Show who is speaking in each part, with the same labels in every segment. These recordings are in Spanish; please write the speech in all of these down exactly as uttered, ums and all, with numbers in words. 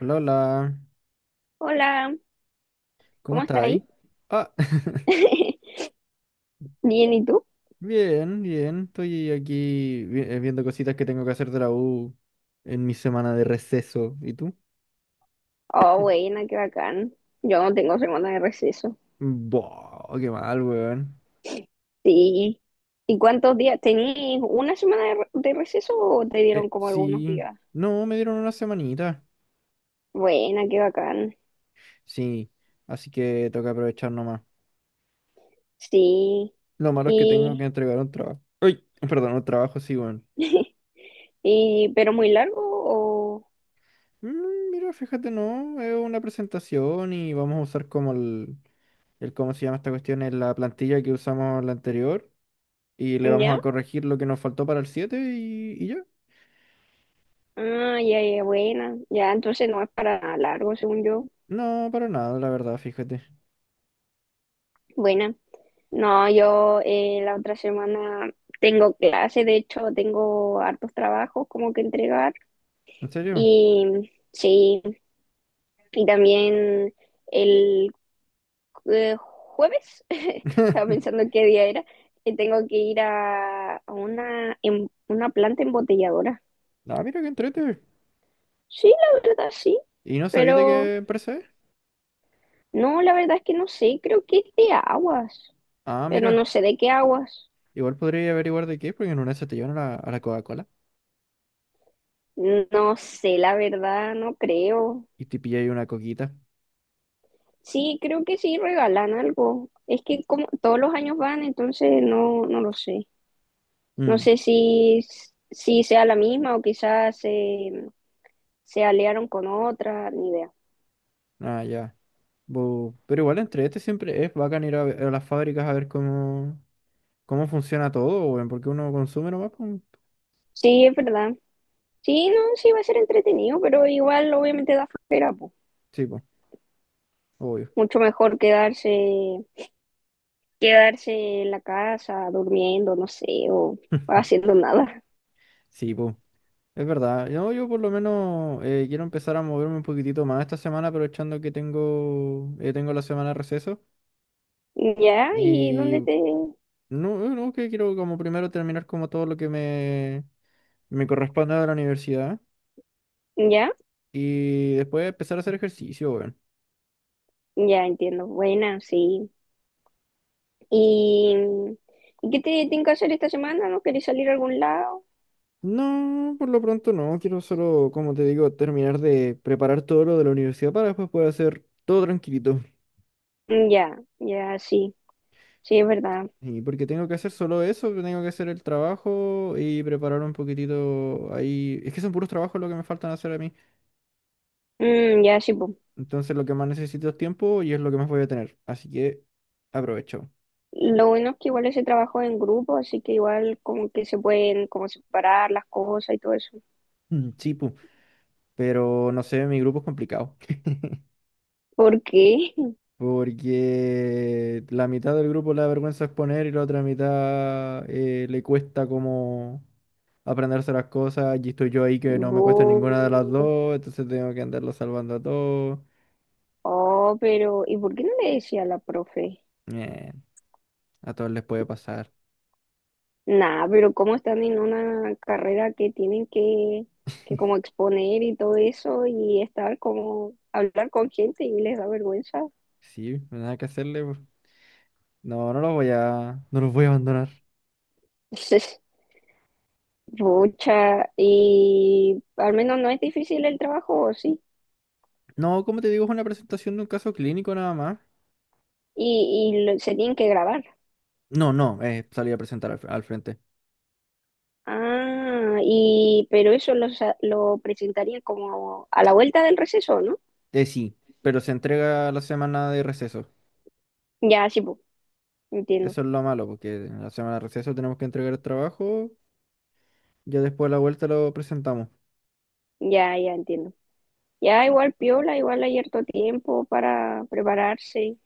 Speaker 1: Hola, hola.
Speaker 2: Hola,
Speaker 1: ¿Cómo
Speaker 2: ¿cómo
Speaker 1: estás
Speaker 2: está ahí?
Speaker 1: ahí? Ah,
Speaker 2: Bien, ¿y tú?
Speaker 1: bien, bien. Estoy aquí vi- eh, viendo cositas que tengo que hacer de la U en mi semana de receso. ¿Y tú?
Speaker 2: Oh, buena, qué bacán. Yo no tengo semana de receso.
Speaker 1: Buah, qué mal, weón.
Speaker 2: Sí. ¿Y cuántos días? ¿Tenías una semana de, re- de receso o te dieron
Speaker 1: Eh,
Speaker 2: como algunos
Speaker 1: sí.
Speaker 2: días?
Speaker 1: No, me dieron una semanita.
Speaker 2: Buena, qué bacán.
Speaker 1: Sí, así que toca aprovechar nomás.
Speaker 2: Sí.
Speaker 1: Lo malo es que tengo que
Speaker 2: ¿Y,
Speaker 1: entregar un trabajo. Uy, perdón, un trabajo, sí, weón.
Speaker 2: y pero muy largo o
Speaker 1: Mm, mira, fíjate, no, es una presentación y vamos a usar como el, el, ¿cómo se llama esta cuestión? Es la plantilla que usamos la anterior. Y le vamos a
Speaker 2: ya?
Speaker 1: corregir lo que nos faltó para el siete y, y ya.
Speaker 2: Ah, ya, ya, buena. Ya, entonces no es para largo, según yo.
Speaker 1: No, para nada, la verdad, fíjate.
Speaker 2: Buena. No, yo eh, la otra semana tengo clase, de hecho tengo hartos trabajos como que entregar
Speaker 1: ¿En serio?
Speaker 2: y sí, y también el eh, jueves, estaba pensando qué día era, que tengo que ir a, a una, em- una planta embotelladora.
Speaker 1: Ah, mira qué entrete.
Speaker 2: Sí, la verdad sí,
Speaker 1: ¿Y no sabéis de
Speaker 2: pero
Speaker 1: qué empresa es?
Speaker 2: no, la verdad es que no sé, creo que es de aguas,
Speaker 1: Ah,
Speaker 2: pero
Speaker 1: mira.
Speaker 2: no sé de qué aguas.
Speaker 1: Igual podría averiguar de qué es, porque en una se te llevan a la, a la Coca-Cola
Speaker 2: No sé, la verdad, no creo.
Speaker 1: y te pilláis una coquita.
Speaker 2: Sí, creo que sí regalan algo. Es que como todos los años van, entonces no, no lo sé. No
Speaker 1: Mm.
Speaker 2: sé si, si sea la misma o quizás se, se aliaron con otra, ni idea.
Speaker 1: Ah, ya. Bu, pero igual entrete siempre es bacán ir a, ve- a las fábricas a ver cómo, cómo funciona todo, weón, porque uno consume nomás, pues.
Speaker 2: Sí, es verdad. Sí, no, sí va a ser entretenido, pero igual obviamente da flojera, po.
Speaker 1: Sí, pues, obvio.
Speaker 2: Mucho mejor quedarse, quedarse en la casa durmiendo, no sé, o haciendo nada.
Speaker 1: Sí, pues. Es verdad, no, yo por lo menos eh, quiero empezar a moverme un poquitito más esta semana, aprovechando que tengo, eh, tengo la semana de receso.
Speaker 2: Ya, ¿y
Speaker 1: Y
Speaker 2: dónde te?
Speaker 1: no, eh, no, que quiero como primero terminar como todo lo que me, me corresponde de la universidad
Speaker 2: Ya,
Speaker 1: y después empezar a hacer ejercicio, weón.
Speaker 2: ya entiendo. Buena, sí. ¿Y, ¿y qué te tienen que hacer esta semana? ¿No queréis salir a algún lado?
Speaker 1: No, por lo pronto no, quiero solo, como te digo, terminar de preparar todo lo de la universidad para después poder hacer todo tranquilito.
Speaker 2: Mm, Ya, ya, sí, sí, es verdad.
Speaker 1: Y porque tengo que hacer solo eso, que tengo que hacer el trabajo y preparar un poquitito ahí. Es que son puros trabajos lo que me faltan hacer a mí.
Speaker 2: Mm, ya, sí, pues.
Speaker 1: Entonces lo que más necesito es tiempo y es lo que más voy a tener. Así que aprovecho.
Speaker 2: Lo bueno es que igual ese trabajo es en grupo, así que igual como que se pueden como separar las cosas y todo eso.
Speaker 1: Mm. Sí, pu. Pero no sé, mi grupo es complicado.
Speaker 2: ¿Por qué?
Speaker 1: Porque la mitad del grupo le da vergüenza exponer y la otra mitad eh, le cuesta como aprenderse las cosas. Y estoy yo ahí que no me cuesta
Speaker 2: Bu.
Speaker 1: ninguna de las dos, entonces tengo que andarlo salvando a todos.
Speaker 2: Oh, pero ¿y por qué no le decía a la profe?
Speaker 1: Eh, A todos les puede pasar.
Speaker 2: Nah, pero ¿cómo están en una carrera que tienen que, que como exponer y todo eso y estar como hablar con gente y les da vergüenza?
Speaker 1: Sí, no hay nada que hacerle, pues. No, no los voy a, no los voy a abandonar.
Speaker 2: Es mucha y al menos no es difícil el trabajo, ¿o sí?
Speaker 1: No, como te digo, es una presentación de un caso clínico nada más.
Speaker 2: Y, y lo- se tienen que grabar.
Speaker 1: No, no, eh, salí a presentar al, al frente.
Speaker 2: Ah, y pero eso lo, sa- lo presentarían como a la vuelta del receso, ¿no?
Speaker 1: Eh, sí, pero se entrega la semana de receso.
Speaker 2: Ya, sí, po, entiendo.
Speaker 1: Eso es lo malo, porque en la semana de receso tenemos que entregar el trabajo, ya después de la vuelta lo presentamos.
Speaker 2: Ya, ya entiendo. Ya igual piola, igual hay harto tiempo para prepararse.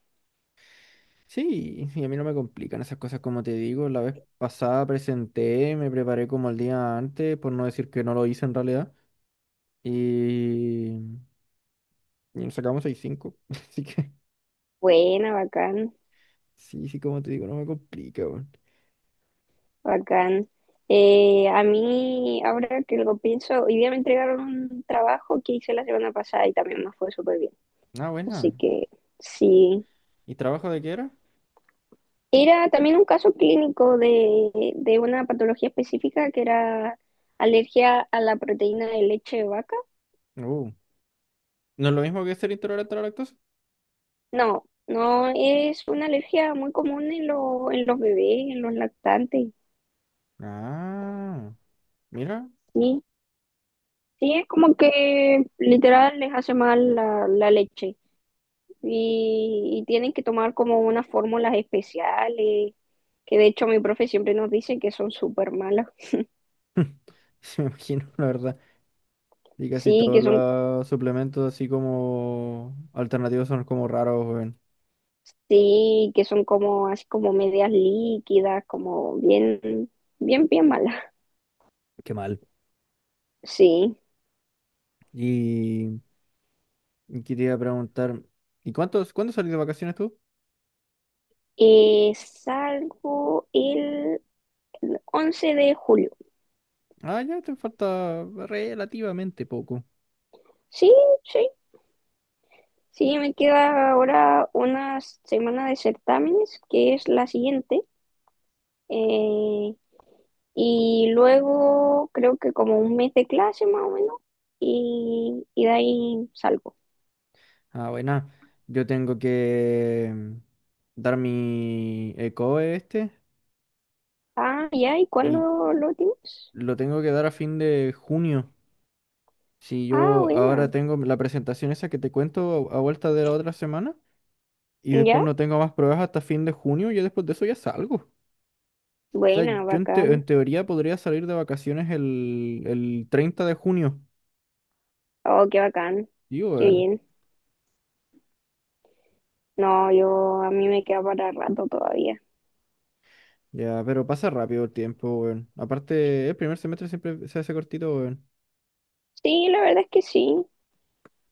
Speaker 1: Sí, y a mí no me complican esas cosas como te digo. La vez pasada presenté, me preparé como el día antes, por no decir que no lo hice en realidad. Y Y nos sacamos seis cinco. Así que,
Speaker 2: Buena, bacán,
Speaker 1: sí, sí, como te digo, no me complica, weón.
Speaker 2: bacán. Eh, a mí, ahora que lo pienso, hoy día me entregaron un trabajo que hice la semana pasada y también me fue súper bien.
Speaker 1: Ah, buena.
Speaker 2: Así que sí.
Speaker 1: ¿Y trabajo de qué era?
Speaker 2: Era también un caso clínico de, de una patología específica que era alergia a la proteína de leche de vaca.
Speaker 1: Uh, ¿No es lo mismo que ser intolerante a la lactosa?
Speaker 2: No, no, es una alergia muy común en, lo- en los bebés, en los lactantes.
Speaker 1: Ah, mira.
Speaker 2: Sí, sí, es como que literal les hace mal la, la leche y, y tienen que tomar como unas fórmulas especiales, que de hecho mi profe siempre nos dice que son súper malas.
Speaker 1: Se me imagino, la verdad. Y casi
Speaker 2: Sí,
Speaker 1: todos
Speaker 2: que son
Speaker 1: los suplementos así como alternativos son como raros, weón.
Speaker 2: Sí, que son como así como medias líquidas, como bien, bien, bien malas.
Speaker 1: Qué mal.
Speaker 2: Sí.
Speaker 1: Y, y quería preguntar, ¿y cuántos, cuándo salís de vacaciones tú?
Speaker 2: Eh, salgo el once de julio.
Speaker 1: Ah, ya te falta relativamente poco.
Speaker 2: Sí, sí. Sí, me queda ahora una semana de certámenes, que es la siguiente. eh, y luego creo que como un mes de clase más o menos. Y, y de ahí salgo.
Speaker 1: Ah, buena. Yo tengo que mm, dar mi ECOE este
Speaker 2: Ah, ya, ¿y
Speaker 1: y
Speaker 2: cuándo lo tienes?
Speaker 1: lo tengo que dar a fin de junio. Si
Speaker 2: Ah,
Speaker 1: yo
Speaker 2: buena.
Speaker 1: ahora tengo la presentación esa que te cuento a a vuelta de la otra semana y
Speaker 2: ¿Ya?
Speaker 1: después no tengo más pruebas hasta fin de junio. Y después de eso ya salgo. O sea,
Speaker 2: Buena,
Speaker 1: yo en, te-
Speaker 2: bacán.
Speaker 1: en teoría podría salir de vacaciones el, el treinta de junio.
Speaker 2: Oh, qué bacán.
Speaker 1: Digo,
Speaker 2: Qué
Speaker 1: weón.
Speaker 2: bien. No, yo a mí me queda para rato todavía.
Speaker 1: Ya, pero pasa rápido el tiempo, weón. Aparte, el primer semestre siempre se hace cortito, weón.
Speaker 2: Sí, la verdad es que sí.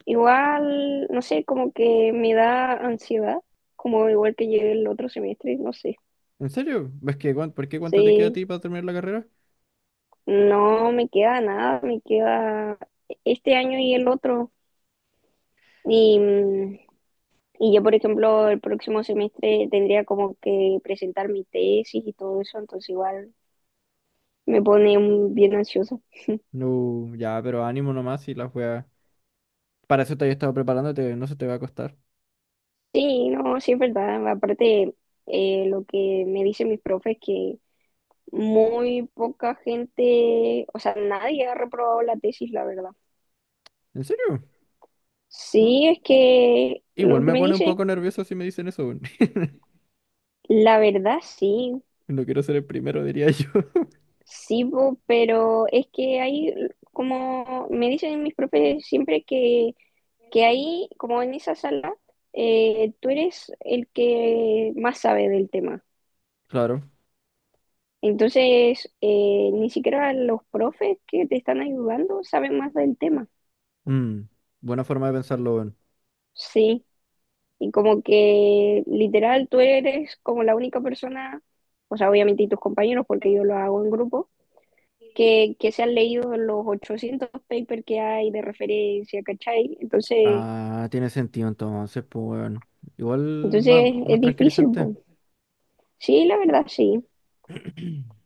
Speaker 2: Igual, no sé, como que me da ansiedad, como igual que llegue el otro semestre, no sé.
Speaker 1: ¿En serio? ¿Ves que cuán- por qué cuánto te queda a
Speaker 2: Sí,
Speaker 1: ti para terminar la carrera?
Speaker 2: no me queda nada, me queda este año y el otro. Y, mm, y yo, por ejemplo, el próximo semestre tendría como que presentar mi tesis y todo eso, entonces igual me pone mm, bien ansiosa.
Speaker 1: No, ya, pero ánimo nomás y las weas. Para eso te había estado preparándote, no se te va a costar.
Speaker 2: Sí, no, sí es verdad. Aparte, eh, lo que me dicen mis profes es que muy poca gente, o sea, nadie ha reprobado la tesis, la verdad.
Speaker 1: ¿En serio? ¿No?
Speaker 2: Sí, es que
Speaker 1: Igual
Speaker 2: lo que
Speaker 1: me
Speaker 2: me
Speaker 1: pone un
Speaker 2: dicen,
Speaker 1: poco nervioso si me dicen eso, weón.
Speaker 2: la verdad sí,
Speaker 1: No quiero ser el primero, diría yo.
Speaker 2: sí, po, pero es que hay, como me dicen mis profes siempre que, que ahí, como en esa sala, eh, tú eres el que más sabe del tema.
Speaker 1: Claro.
Speaker 2: Entonces, eh, ni siquiera los profes que te están ayudando saben más del tema.
Speaker 1: Mm, Buena forma de pensarlo, weón.
Speaker 2: Sí, y como que literal tú eres como la única persona, o sea, obviamente y tus compañeros, porque yo lo hago en grupo, que, que se han leído los ochocientos papers que hay de referencia, ¿cachai? Entonces,
Speaker 1: Ah, tiene sentido entonces, pues, weón. Igual más,
Speaker 2: entonces
Speaker 1: más
Speaker 2: es difícil,
Speaker 1: tranquilizante.
Speaker 2: po. Sí, la verdad, sí.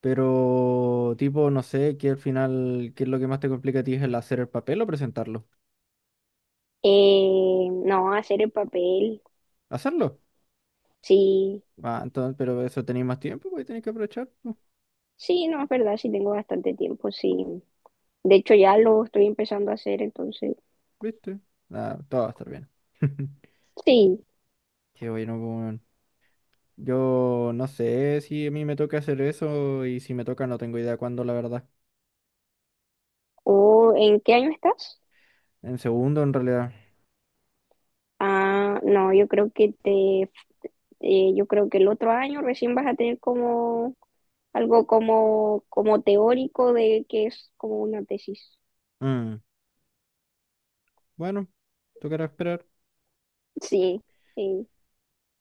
Speaker 1: Pero, tipo, no sé, que al final, ¿qué es lo que más te complica a ti? ¿Es el hacer el papel o presentarlo?
Speaker 2: Eh, no, hacer el papel,
Speaker 1: ¿Hacerlo?
Speaker 2: sí,
Speaker 1: Ah, entonces, pero eso tenéis más tiempo, pues tenéis que aprovechar, pues,
Speaker 2: sí, no, es verdad, sí tengo bastante tiempo, sí. De hecho, ya lo estoy empezando a hacer, entonces,
Speaker 1: ¿viste? Ah, todo va a estar bien.
Speaker 2: sí.
Speaker 1: Qué bueno, pues. Yo no sé si a mí me toca hacer eso y si me toca no tengo idea cuándo, la verdad.
Speaker 2: ¿O en qué año estás?
Speaker 1: En segundo, en realidad.
Speaker 2: Ah, no, yo creo que te, eh, yo creo que el otro año recién vas a tener como algo como, como teórico de que es como una tesis.
Speaker 1: Mm, Bueno, tocará esperar.
Speaker 2: Sí, sí.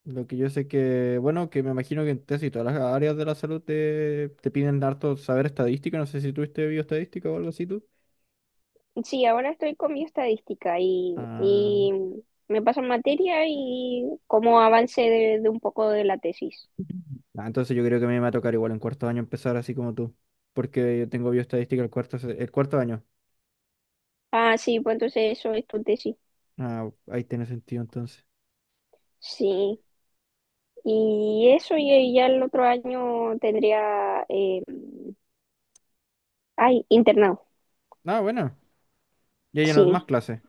Speaker 1: Lo que yo sé que, bueno, que me imagino que en casi todas las áreas de la salud te, te piden harto saber estadística. No sé si tuviste bioestadística o algo así tú.
Speaker 2: Sí, ahora estoy con mi estadística y,
Speaker 1: Ah.
Speaker 2: y me pasan materia y como avance de, de un poco de la tesis.
Speaker 1: Ah, entonces yo creo que a mí me va a tocar igual en cuarto año empezar así como tú, porque yo tengo bioestadística el cuarto, se- el cuarto año.
Speaker 2: Ah, sí, pues entonces eso es tu tesis.
Speaker 1: Ah, ahí tiene sentido entonces.
Speaker 2: Sí. Y eso, y, y ya el otro año tendría, eh, ay, internado,
Speaker 1: Ah, bueno, ya lleno más
Speaker 2: sí.
Speaker 1: clases.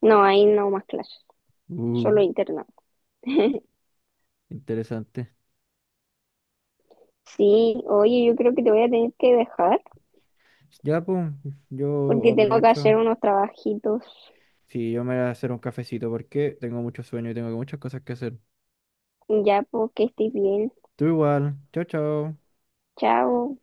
Speaker 2: No, ahí no más clases,
Speaker 1: Uh,
Speaker 2: solo internado.
Speaker 1: Interesante.
Speaker 2: Sí, oye, yo creo que te voy a tener que dejar
Speaker 1: Ya, pues, yo
Speaker 2: porque tengo que
Speaker 1: aprovecho.
Speaker 2: hacer unos trabajitos.
Speaker 1: Sí, yo me voy a hacer un cafecito porque tengo mucho sueño y tengo muchas cosas que hacer.
Speaker 2: Ya, porque estés bien.
Speaker 1: Tú igual. Chao, chao.
Speaker 2: Chao.